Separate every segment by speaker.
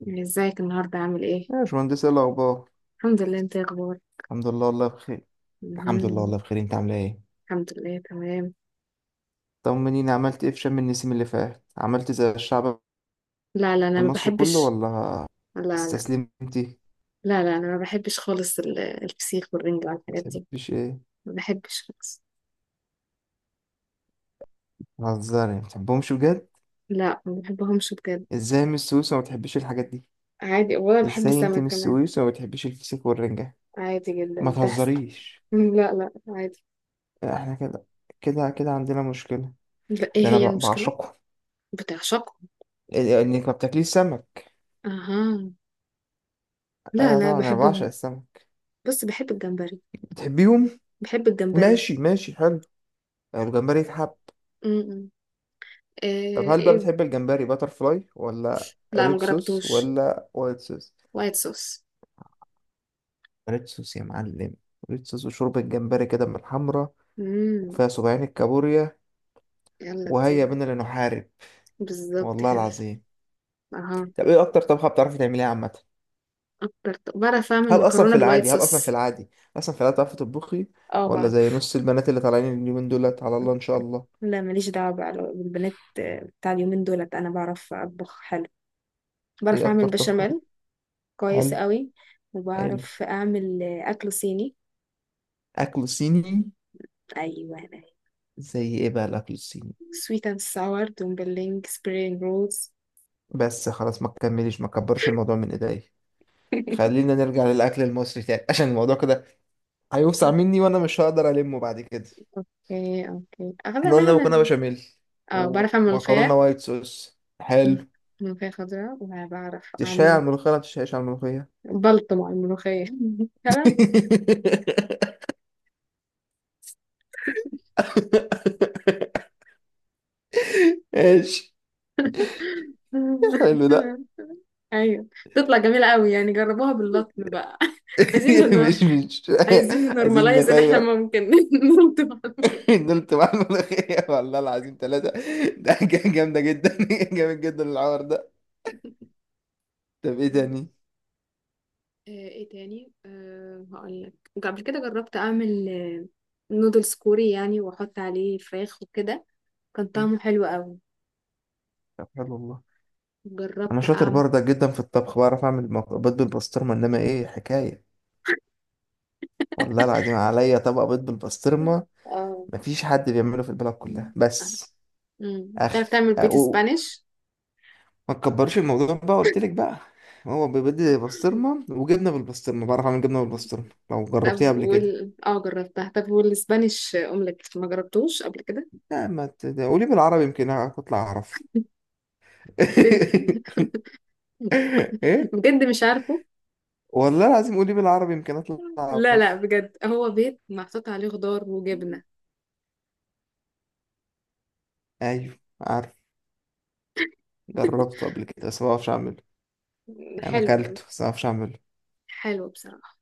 Speaker 1: يعني ازيك النهارده عامل ايه؟
Speaker 2: يا باشمهندس، ايه الاخبار؟
Speaker 1: الحمد لله، انت ايه اخبارك؟
Speaker 2: الحمد لله والله بخير. الحمد لله
Speaker 1: مهم.
Speaker 2: والله بخير. انت عامله ايه؟
Speaker 1: الحمد لله تمام.
Speaker 2: طمنيني، عملت ايه في شم النسيم اللي فات؟ عملت زي الشعب
Speaker 1: لا لا، انا ما
Speaker 2: المصري كله
Speaker 1: بحبش.
Speaker 2: ولا
Speaker 1: لا لا.
Speaker 2: استسلمتي؟
Speaker 1: لا لا، انا ما بحبش خالص الفسيخ والرنجة
Speaker 2: ما
Speaker 1: والحاجات دي.
Speaker 2: بتحبيش ايه؟
Speaker 1: ما بحبش خالص.
Speaker 2: بتهزري؟ ما بتحبهمش بجد؟
Speaker 1: لا ما بحبهمش بجد.
Speaker 2: ازاي من السويس وما بتحبيش الحاجات دي؟
Speaker 1: عادي، ولا بحب
Speaker 2: ازاي انت
Speaker 1: السمك
Speaker 2: من
Speaker 1: كمان.
Speaker 2: السويس وما بتحبيش الفسيخ والرنجة؟
Speaker 1: عادي
Speaker 2: ما
Speaker 1: جدا بتحصل.
Speaker 2: تهزريش.
Speaker 1: مم، لا لا عادي.
Speaker 2: احنا كده كده عندنا مشكلة.
Speaker 1: لا، ايه
Speaker 2: ده انا
Speaker 1: هي المشكلة؟
Speaker 2: بعشقهم.
Speaker 1: بتعشقهم.
Speaker 2: انك ما بتاكليش سمك؟
Speaker 1: اها. لا
Speaker 2: ايوه
Speaker 1: لا
Speaker 2: طبعا، انا بعشق
Speaker 1: بحبهم.
Speaker 2: السمك.
Speaker 1: بس بحب الجمبري.
Speaker 2: بتحبيهم؟
Speaker 1: بحب الجمبري.
Speaker 2: ماشي ماشي، حلو. الجمبري يتحب.
Speaker 1: م -م.
Speaker 2: طب
Speaker 1: إيه,
Speaker 2: هل بقى
Speaker 1: ايه.
Speaker 2: بتحب الجمبري باتر فلاي ولا
Speaker 1: لا ما
Speaker 2: ريد صوص
Speaker 1: جربتوش.
Speaker 2: ولا وايت صوص؟
Speaker 1: وايت صوص.
Speaker 2: ريد صوص يا معلم. ريد صوص وشوربة جمبري كده من الحمرا.
Speaker 1: مم.
Speaker 2: وفيها 70 الكابوريا.
Speaker 1: يلا
Speaker 2: وهيا
Speaker 1: دي.
Speaker 2: بنا لنحارب.
Speaker 1: بالظبط
Speaker 2: والله
Speaker 1: كده.
Speaker 2: العظيم.
Speaker 1: اها.
Speaker 2: طب ايه اكتر طبخة بتعرفي تعمليها عامة؟
Speaker 1: بعرف اعمل
Speaker 2: هل اصلا
Speaker 1: مكرونه
Speaker 2: في
Speaker 1: بالوايت
Speaker 2: العادي هل اصلا في
Speaker 1: صوص.
Speaker 2: العادي اصلا في العادي بتعرفي تطبخي؟
Speaker 1: اه
Speaker 2: ولا زي
Speaker 1: بعرف.
Speaker 2: نص البنات اللي طالعين اليومين دولت؟ على الله ان شاء الله.
Speaker 1: لا ماليش دعوة بقى بالبنات. بتاع اليومين دولت انا بعرف اطبخ حلو. بعرف
Speaker 2: ايه
Speaker 1: اعمل
Speaker 2: اكتر طبخة
Speaker 1: بشاميل. كويس
Speaker 2: حلو.
Speaker 1: قوي.
Speaker 2: حلو.
Speaker 1: وبعرف اعمل اكل صيني.
Speaker 2: اكل صيني.
Speaker 1: ايوه انا.
Speaker 2: زي ايه بقى الاكل الصيني؟
Speaker 1: سويت اند ساور دومبلينج سبرينج رولز.
Speaker 2: بس خلاص، ما تكمليش، ما تكبرش الموضوع من ايديا. خلينا نرجع للاكل المصري تاني عشان الموضوع كده هيوسع مني وانا مش هقدر المه بعد كده.
Speaker 1: اوكي اوكي
Speaker 2: احنا
Speaker 1: اغلبها
Speaker 2: قلنا
Speaker 1: انا.
Speaker 2: مكرونه بشاميل.
Speaker 1: اه بعرف اعمل
Speaker 2: ومكرونه
Speaker 1: ملوخيه.
Speaker 2: وايت صوص، حلو.
Speaker 1: ملوخيه خضراء وبعرف
Speaker 2: تشهي على
Speaker 1: اعمل.
Speaker 2: الملوخيه ولا ما تشهيش على الملوخيه؟
Speaker 1: بلطم على الملوخيه. تمام.
Speaker 2: ايش؟ حلو ده.
Speaker 1: ايوه. تطلع جميلة قوي، يعني جربوها باللطم بقى. عايزين نن...
Speaker 2: مش
Speaker 1: عايزين
Speaker 2: عايزين
Speaker 1: ننورماليز ان احنا
Speaker 2: نغير.
Speaker 1: ممكن نلطم.
Speaker 2: نلت مع الملوخيه والله العظيم ثلاثه. ده حاجة جامده جدا جامد جدا العار ده. طب ايه
Speaker 1: مم.
Speaker 2: تاني؟
Speaker 1: ايه تاني؟ هقول لك. قبل كده جربت اعمل نودلز كوري، يعني واحط عليه فراخ وكده. كان
Speaker 2: مم.
Speaker 1: طعمه حلو قوي.
Speaker 2: طب حلو والله. انا
Speaker 1: جربت
Speaker 2: شاطر
Speaker 1: اعمل.
Speaker 2: برضك جدا في الطبخ، بعرف اعمل بيض بالبسطرمه، انما ايه حكايه. والله العظيم، عليا طبق بيض بالبسطرمه.
Speaker 1: اه.
Speaker 2: مفيش حد بيعمله في البلد كلها
Speaker 1: مم.
Speaker 2: بس.
Speaker 1: مم.
Speaker 2: اخي
Speaker 1: تعرف تعمل بيت
Speaker 2: أو.
Speaker 1: سبانيش؟
Speaker 2: ما تكبرش الموضوع بقى، قلت لك بقى. هو بيض بسطرمه وجبنه بالبسطرمه، بعرف اعمل جبنه بالبسطرمه لو
Speaker 1: طب
Speaker 2: جربتيها قبل كده.
Speaker 1: وال جربتها. طب، والسبانيش اومليت ما جربتوش قبل كده؟
Speaker 2: لا ما ت- ده قولي بالعربي يمكن اطلع اعرف.
Speaker 1: بنت.
Speaker 2: ايه؟
Speaker 1: بجد مش عارفه.
Speaker 2: والله العظيم قولي بالعربي يمكن اطلع
Speaker 1: لا لا
Speaker 2: اعرف.
Speaker 1: بجد، هو بيت محطوط عليه خضار وجبنة.
Speaker 2: ايوه عارف. جربته قبل كده بس ما بعرفش اعمله. يعني
Speaker 1: حلو.
Speaker 2: اكلته بس ما اعرفش اعمله.
Speaker 1: حلو بصراحة.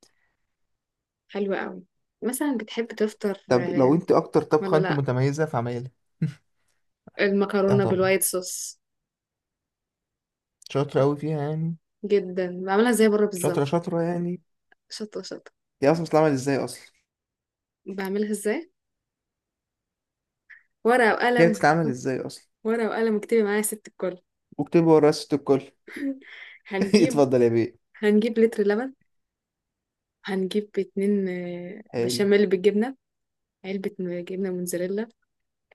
Speaker 1: حلو قوي. مثلا بتحب تفطر
Speaker 2: طب لو انت اكتر
Speaker 1: ولا
Speaker 2: طبخه انت
Speaker 1: لا.
Speaker 2: متميزه في عمايلها. اه
Speaker 1: المكرونة
Speaker 2: طبعا.
Speaker 1: بالوايت صوص.
Speaker 2: شاطره قوي فيها يعني.
Speaker 1: جدا بعملها زي بره
Speaker 2: شاطره
Speaker 1: بالظبط.
Speaker 2: شاطره يعني.
Speaker 1: شطة شطة.
Speaker 2: هي اصلا بتتعمل ازاي اصلا؟
Speaker 1: بعملها ازاي؟ ورقة
Speaker 2: هي
Speaker 1: وقلم.
Speaker 2: بتتعمل ازاي اصلا؟
Speaker 1: ورقة وقلم، اكتبي معايا يا ست الكل.
Speaker 2: واكتبي ورايا ست الكل.
Speaker 1: هنجيب.
Speaker 2: اتفضل يا بيه.
Speaker 1: هنجيب لتر لبن. هنجيب اتنين
Speaker 2: حلو.
Speaker 1: بشاميل بالجبنة. علبة. جبنة موتزاريلا.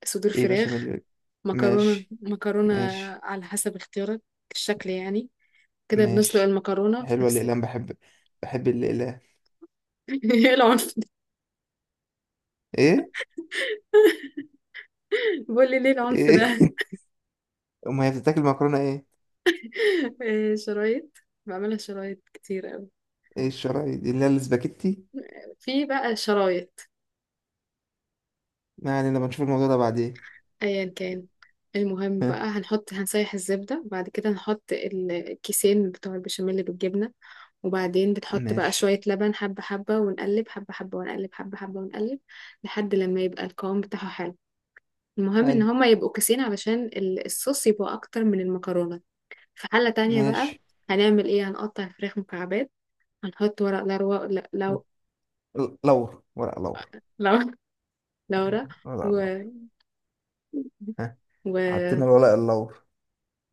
Speaker 1: صدور
Speaker 2: ايه
Speaker 1: فراخ.
Speaker 2: بشاميل؟
Speaker 1: مكرونة
Speaker 2: ماشي.
Speaker 1: مكرونة.
Speaker 2: ماشي.
Speaker 1: على حسب اختيارك. الشكل يعني. كده بنسلق
Speaker 2: ماشي،
Speaker 1: المكرونة في
Speaker 2: حلوه
Speaker 1: نفس.
Speaker 2: الاقلام، بحب. بحب الاقلام.
Speaker 1: ايه العنف ده؟
Speaker 2: ايه؟
Speaker 1: بقول لي ليه العنف ده؟
Speaker 2: ايه؟ امال هي بتتاكل مكرونه ايه؟
Speaker 1: إيه شرايط. بعملها شرايط كتير قوي.
Speaker 2: ايه الشرايط دي اللي هي الاسباجيتي؟
Speaker 1: في بقى شرايط.
Speaker 2: ما علينا، بنشوف الموضوع ده بعدين.
Speaker 1: ايا كان. المهم
Speaker 2: ها.
Speaker 1: بقى، هنسيح الزبدة وبعد كده نحط الكيسين بتوع البشاميل بالجبنة. وبعدين بتحط بقى
Speaker 2: ماشي.
Speaker 1: شوية لبن، حبة حبة ونقلب، حبة حبة ونقلب، حبة حبة ونقلب، لحد لما يبقى القوام بتاعه حلو. المهم ان
Speaker 2: حلو.
Speaker 1: هما يبقوا كيسين علشان الصوص يبقى اكتر من المكرونة. في حلة تانية بقى.
Speaker 2: ماشي.
Speaker 1: هنعمل ايه؟ هنقطع الفراخ مكعبات. هنحط ورق لورا لو.
Speaker 2: لور ورق لور.
Speaker 1: لو.
Speaker 2: أيوة،
Speaker 1: لورا.
Speaker 2: ورق
Speaker 1: و...
Speaker 2: لور. ها.
Speaker 1: و...
Speaker 2: حطينا الورق اللور.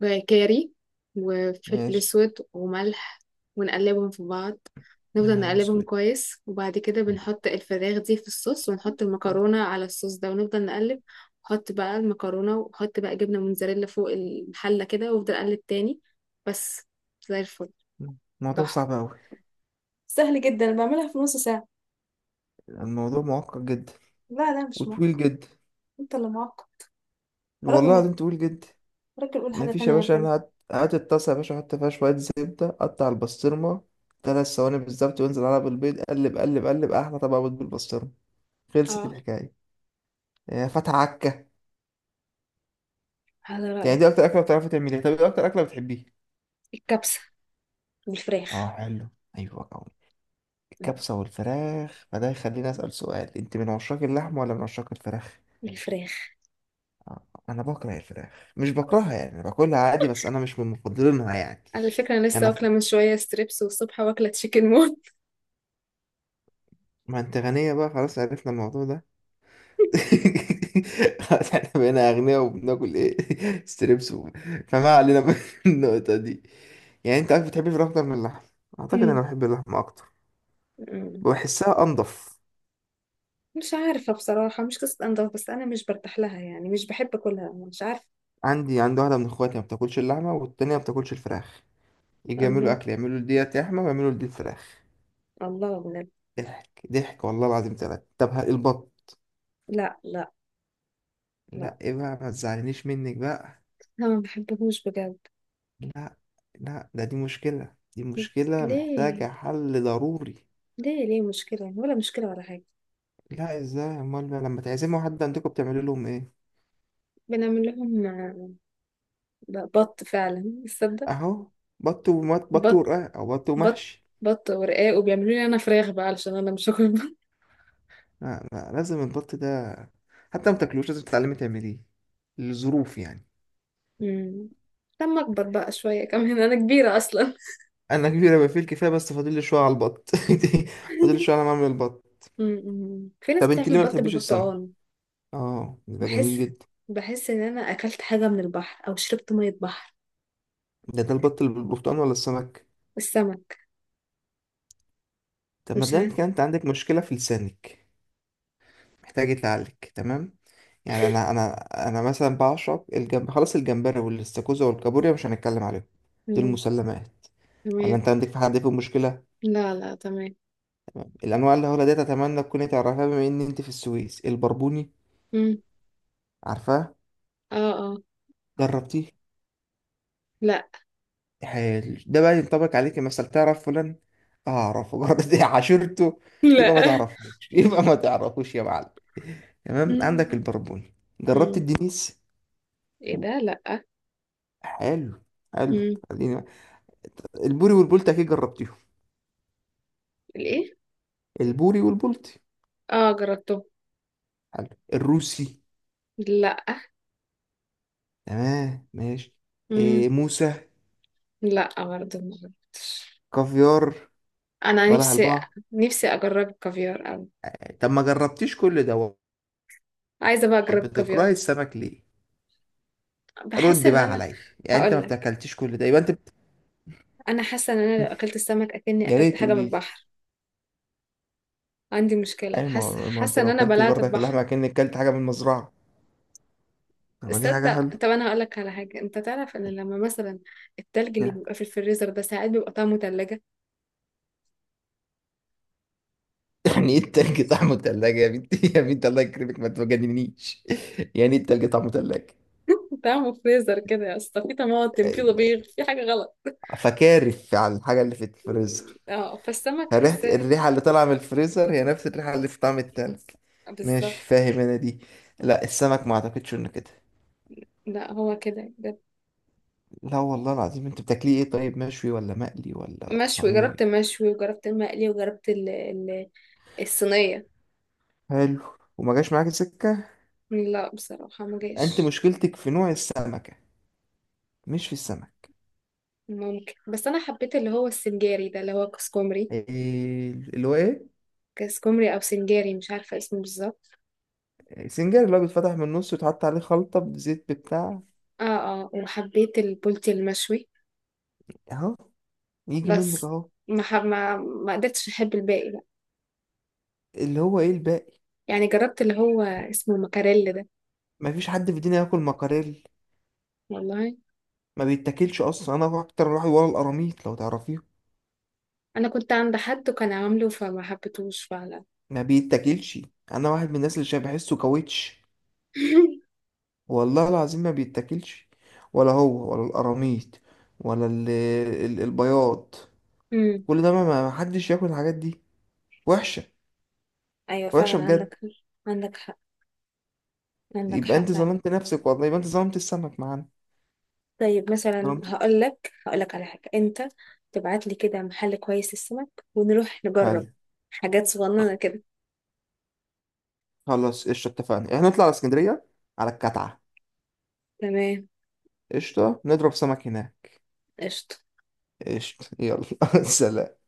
Speaker 1: وكاري وفلفل
Speaker 2: ماشي.
Speaker 1: اسود وملح. ونقلبهم في بعض.
Speaker 2: يا
Speaker 1: نفضل
Speaker 2: نهار
Speaker 1: نقلبهم
Speaker 2: اسود.
Speaker 1: كويس، وبعد كده بنحط الفراخ دي في الصوص، ونحط المكرونة على الصوص ده، ونفضل نقلب. نحط بقى المكرونة، وحط بقى جبنة موتزاريلا فوق الحلة كده، وافضل اقلب تاني. بس. زي الفل.
Speaker 2: الموضوع
Speaker 1: تحفة.
Speaker 2: صعب أوي.
Speaker 1: سهل جدا، أنا بعملها في نص ساعة.
Speaker 2: الموضوع معقد جدا.
Speaker 1: لا لا مش
Speaker 2: وطويل
Speaker 1: معقد.
Speaker 2: جدا.
Speaker 1: انت اللي معقد. راجل
Speaker 2: والله
Speaker 1: ما
Speaker 2: العظيم طويل جدا.
Speaker 1: راجل قول حاجة
Speaker 2: مفيش يا
Speaker 1: تانية غير
Speaker 2: باشا.
Speaker 1: كده.
Speaker 2: أنا هات هات الطاسة يا باشا، حط فيها شوية زبدة، قطع البسطرمة، 3 ثواني بالظبط، وانزل عليها بالبيض، قلب قلب قلب، أحلى طبق بيض بالبسطرمة. خلصت
Speaker 1: اه.
Speaker 2: الحكاية. يا فتح عكة.
Speaker 1: هذا
Speaker 2: يعني
Speaker 1: رأيك.
Speaker 2: دي أكتر أكلة بتعرفي تعمليها؟ طب إيه أكتر أكلة بتحبيها؟
Speaker 1: الكبسة.
Speaker 2: آه
Speaker 1: بالفراخ.
Speaker 2: حلو. أيوة.
Speaker 1: مم.
Speaker 2: كبسة والفراخ، فده يخليني أسأل سؤال، أنت من عشاق اللحم ولا من عشاق الفراخ؟
Speaker 1: بالفراخ.
Speaker 2: آه، أنا بكره الفراخ، مش بكرهها يعني، أنا باكلها عادي بس أنا مش من مفضلينها يعني.
Speaker 1: على فكرة، أنا لسه
Speaker 2: أنا ف...
Speaker 1: واكلة من شوية ستريبس، والصبح واكلة تشيكن مون.
Speaker 2: ما أنت غنية بقى، خلاص عرفنا الموضوع ده. خلاص احنا بقينا أغنياء وبناكل إيه ستريبس فما علينا من النقطة دي. يعني أنت عارف، بتحب الفراخ أكتر من اللحم. أعتقد
Speaker 1: مم.
Speaker 2: أنا بحب اللحم أكتر.
Speaker 1: مم.
Speaker 2: بحسها أنضف.
Speaker 1: مش عارفة بصراحة، مش قصة أنضف، بس أنا مش برتاح لها يعني، مش بحب أكلها، مش عارفة.
Speaker 2: عندي واحدة من إخواتي ما بتاكلش اللحمة والتانية ما بتاكلش الفراخ. يجي يعملوا
Speaker 1: الله.
Speaker 2: اكل، يعملوا ديت لحمه ويعملوا ديت فراخ.
Speaker 1: الله من.
Speaker 2: ضحك ضحك والله العظيم ثلاثة. طب البط.
Speaker 1: لا لا لا،
Speaker 2: لا ايه بقى، ما تزعلنيش منك بقى.
Speaker 1: أنا ما بحبهوش بجد.
Speaker 2: لا لا، ده دي مشكله دي مشكله
Speaker 1: ليه
Speaker 2: محتاجه حل ضروري.
Speaker 1: ليه ليه؟ مشكلة ولا مشكلة ولا حاجة؟
Speaker 2: لا، ازاي؟ امال بقى لما تعزموا حد عندكم بتعملوا لهم ايه؟
Speaker 1: بنعمل لهم. لا، بط فعلا تصدق.
Speaker 2: اهو. بط ومط، بط
Speaker 1: بط.
Speaker 2: ورقاق، او بط
Speaker 1: بط.
Speaker 2: ومحشي.
Speaker 1: بط ورقاق، وبيعملوا لي انا فراخ بقى علشان انا مش هاكل بط.
Speaker 2: لا لا، لازم البط ده. حتى ما تاكلوش لازم تتعلمي تعمليه. الظروف يعني.
Speaker 1: أمم. لما اكبر بقى شويه كمان، انا كبيره اصلا.
Speaker 2: انا كبيره بقى فيه الكفايه، بس فاضل لي شويه على البط فاضل لي شويه على ما اعمل البط.
Speaker 1: أمم. في ناس
Speaker 2: طب انت
Speaker 1: بتعمل
Speaker 2: ليه ما
Speaker 1: بط
Speaker 2: بتحبيش السمك؟
Speaker 1: بالبرتقال.
Speaker 2: اه ده
Speaker 1: بحس.
Speaker 2: جميل جدا.
Speaker 1: بحس ان انا اكلت حاجه من البحر، او شربت ميه بحر.
Speaker 2: ده البط اللي بالبرتقال ولا السمك؟
Speaker 1: السمك.
Speaker 2: طب
Speaker 1: مش
Speaker 2: مبدئيا
Speaker 1: عارف.
Speaker 2: كان انت عندك مشكله في لسانك؟ محتاج يتعالج. تمام. يعني انا مثلا بعشق خلاص الجمبري والاستاكوزا والكابوريا، مش هنتكلم عليهم. دول
Speaker 1: أمم.
Speaker 2: مسلمات. ولا
Speaker 1: تمام.
Speaker 2: انت عندك في حد فيهم مشكله؟
Speaker 1: لا لا تمام.
Speaker 2: الانواع اللي هقولها ديت اتمنى تكوني تعرفها بما ان انت في السويس. البربوني.
Speaker 1: أمم.
Speaker 2: عارفاه؟
Speaker 1: اه اه.
Speaker 2: جربتيه؟
Speaker 1: لا.
Speaker 2: حلو، ده بقى ينطبق عليك، مثلا تعرف فلان؟ اعرفه مجرد إني عاشرته. يبقى ما
Speaker 1: لا.
Speaker 2: تعرفوش يبقى ما تعرفوش يا معلم. تمام، عندك
Speaker 1: أمم.
Speaker 2: البربوني. جربت
Speaker 1: أمم.
Speaker 2: الدنيس؟
Speaker 1: ايه ده؟ لا.
Speaker 2: حلو. حلو.
Speaker 1: أمم.
Speaker 2: خلينا. البوري والبولت اكيد جربتيهم؟
Speaker 1: الايه؟
Speaker 2: البوري والبولت.
Speaker 1: اه جربته.
Speaker 2: حلو. الروسي؟
Speaker 1: لا.
Speaker 2: تمام ماشي.
Speaker 1: مم.
Speaker 2: إيه موسى؟
Speaker 1: لا برضه ما جربتش.
Speaker 2: كافيار؟
Speaker 1: انا
Speaker 2: بلح
Speaker 1: نفسي.
Speaker 2: البحر؟
Speaker 1: نفسي اجرب الكافيار أوي.
Speaker 2: طب ما جربتيش كل دوت.
Speaker 1: عايزه بقى اجرب الكافيار.
Speaker 2: بتكرهي السمك ليه؟
Speaker 1: بحس
Speaker 2: رد
Speaker 1: ان
Speaker 2: بقى
Speaker 1: انا.
Speaker 2: عليا. يعني انت ما
Speaker 1: هقول لك.
Speaker 2: بتاكلتيش كل ده يبقى انت
Speaker 1: انا حاسه ان انا لو اكلت السمك اكني
Speaker 2: يا
Speaker 1: اكلت
Speaker 2: ريت
Speaker 1: حاجه من
Speaker 2: تقولي لي.
Speaker 1: البحر. عندي مشكله،
Speaker 2: ايوه،
Speaker 1: حاسه
Speaker 2: ما هو انت
Speaker 1: حاسه ان
Speaker 2: لو
Speaker 1: انا
Speaker 2: كلت
Speaker 1: بلعت
Speaker 2: بردك
Speaker 1: البحر.
Speaker 2: اللحمه كأنك كلت حاجه من المزرعه. طب ما دي حاجه
Speaker 1: تصدق؟
Speaker 2: حلوه.
Speaker 1: طب انا هقول لك على حاجه، انت تعرف ان لما مثلا التلج اللي
Speaker 2: يعني
Speaker 1: بيبقى في الفريزر ده، ساعات بيبقى طعمه تلاجة.
Speaker 2: يعني ايه التلج طعمه تلاجة يا بنتي؟ يا بنتي الله يكرمك ما تجننيش. يعني ايه التلج طعمه تلاجة؟
Speaker 1: طعمه فريزر كده يا اسطى، في طماطم، في طبيخ، في حاجه غلط.
Speaker 2: فكارف على الحاجه اللي في الفريزر.
Speaker 1: اه، فالسمك
Speaker 2: فريحه
Speaker 1: حاساه.
Speaker 2: الريحه اللي طالعه من الفريزر هي نفس الريحه اللي في طعم التلج. ماشي،
Speaker 1: بالظبط.
Speaker 2: فاهم انا دي. لا السمك ما اعتقدش انه كده.
Speaker 1: لا هو كده.
Speaker 2: لا والله العظيم، انت بتاكليه ايه؟ طيب مشوي ولا مقلي ولا
Speaker 1: مشوي. جربت
Speaker 2: صينيه؟
Speaker 1: مشوي، وجربت المقلي، وجربت ال الصينية.
Speaker 2: حلو. وما جاش معاك سكه؟
Speaker 1: لا بصراحة ما
Speaker 2: انت
Speaker 1: جاش.
Speaker 2: مشكلتك في نوع السمكه، مش في السمك.
Speaker 1: ممكن، بس أنا حبيت اللي هو السنجاري ده، اللي هو كسكومري.
Speaker 2: إيه اللي هو ايه؟
Speaker 1: كسكومري أو سنجاري، مش عارفة اسمه بالظبط.
Speaker 2: سنجاري اللي هو بيتفتح من النص ويتحط عليه خلطة بزيت بتاع.
Speaker 1: اه. اه، وحبيت البولتي المشوي.
Speaker 2: اهو. يجي منك
Speaker 1: بس.
Speaker 2: اهو.
Speaker 1: ما حب ما, ما قدرتش أحب الباقي بقى.
Speaker 2: اللي هو ايه الباقي؟
Speaker 1: يعني جربت اللي هو اسمه مكاريل ده.
Speaker 2: مفيش حد في الدنيا ياكل مكاريل.
Speaker 1: والله.
Speaker 2: ما بيتاكلش اصلا، انا اكتر واحد ورا القراميط لو تعرفيه.
Speaker 1: أنا كنت عند حد وكان عامله فما حبيتهوش فعلا.
Speaker 2: ما بيتاكلش. انا واحد من الناس اللي شبه بحسه كاوتش. والله العظيم ما بيتاكلش. ولا هو ولا القراميط. ولا البياض.
Speaker 1: أمم،
Speaker 2: كل ده ما حدش ياكل الحاجات دي. وحشة.
Speaker 1: أيوة
Speaker 2: وحشة
Speaker 1: فعلا
Speaker 2: بجد.
Speaker 1: عندك. عندك حق. عندك
Speaker 2: يبقى
Speaker 1: حق
Speaker 2: انت
Speaker 1: فعلا.
Speaker 2: ظلمت نفسك والله، يبقى انت ظلمت السمك معانا.
Speaker 1: طيب مثلا،
Speaker 2: ظلمت.
Speaker 1: هقول لك على حاجة. انت تبعت لي كده محل كويس للسمك، ونروح نجرب.
Speaker 2: حلو.
Speaker 1: حاجات صغننة كده.
Speaker 2: خلاص قشطة، اتفقنا احنا نطلع على اسكندرية. على الكتعة.
Speaker 1: تمام
Speaker 2: قشطة نضرب سمك هناك.
Speaker 1: قشطة.
Speaker 2: قشطة يلا. سلام.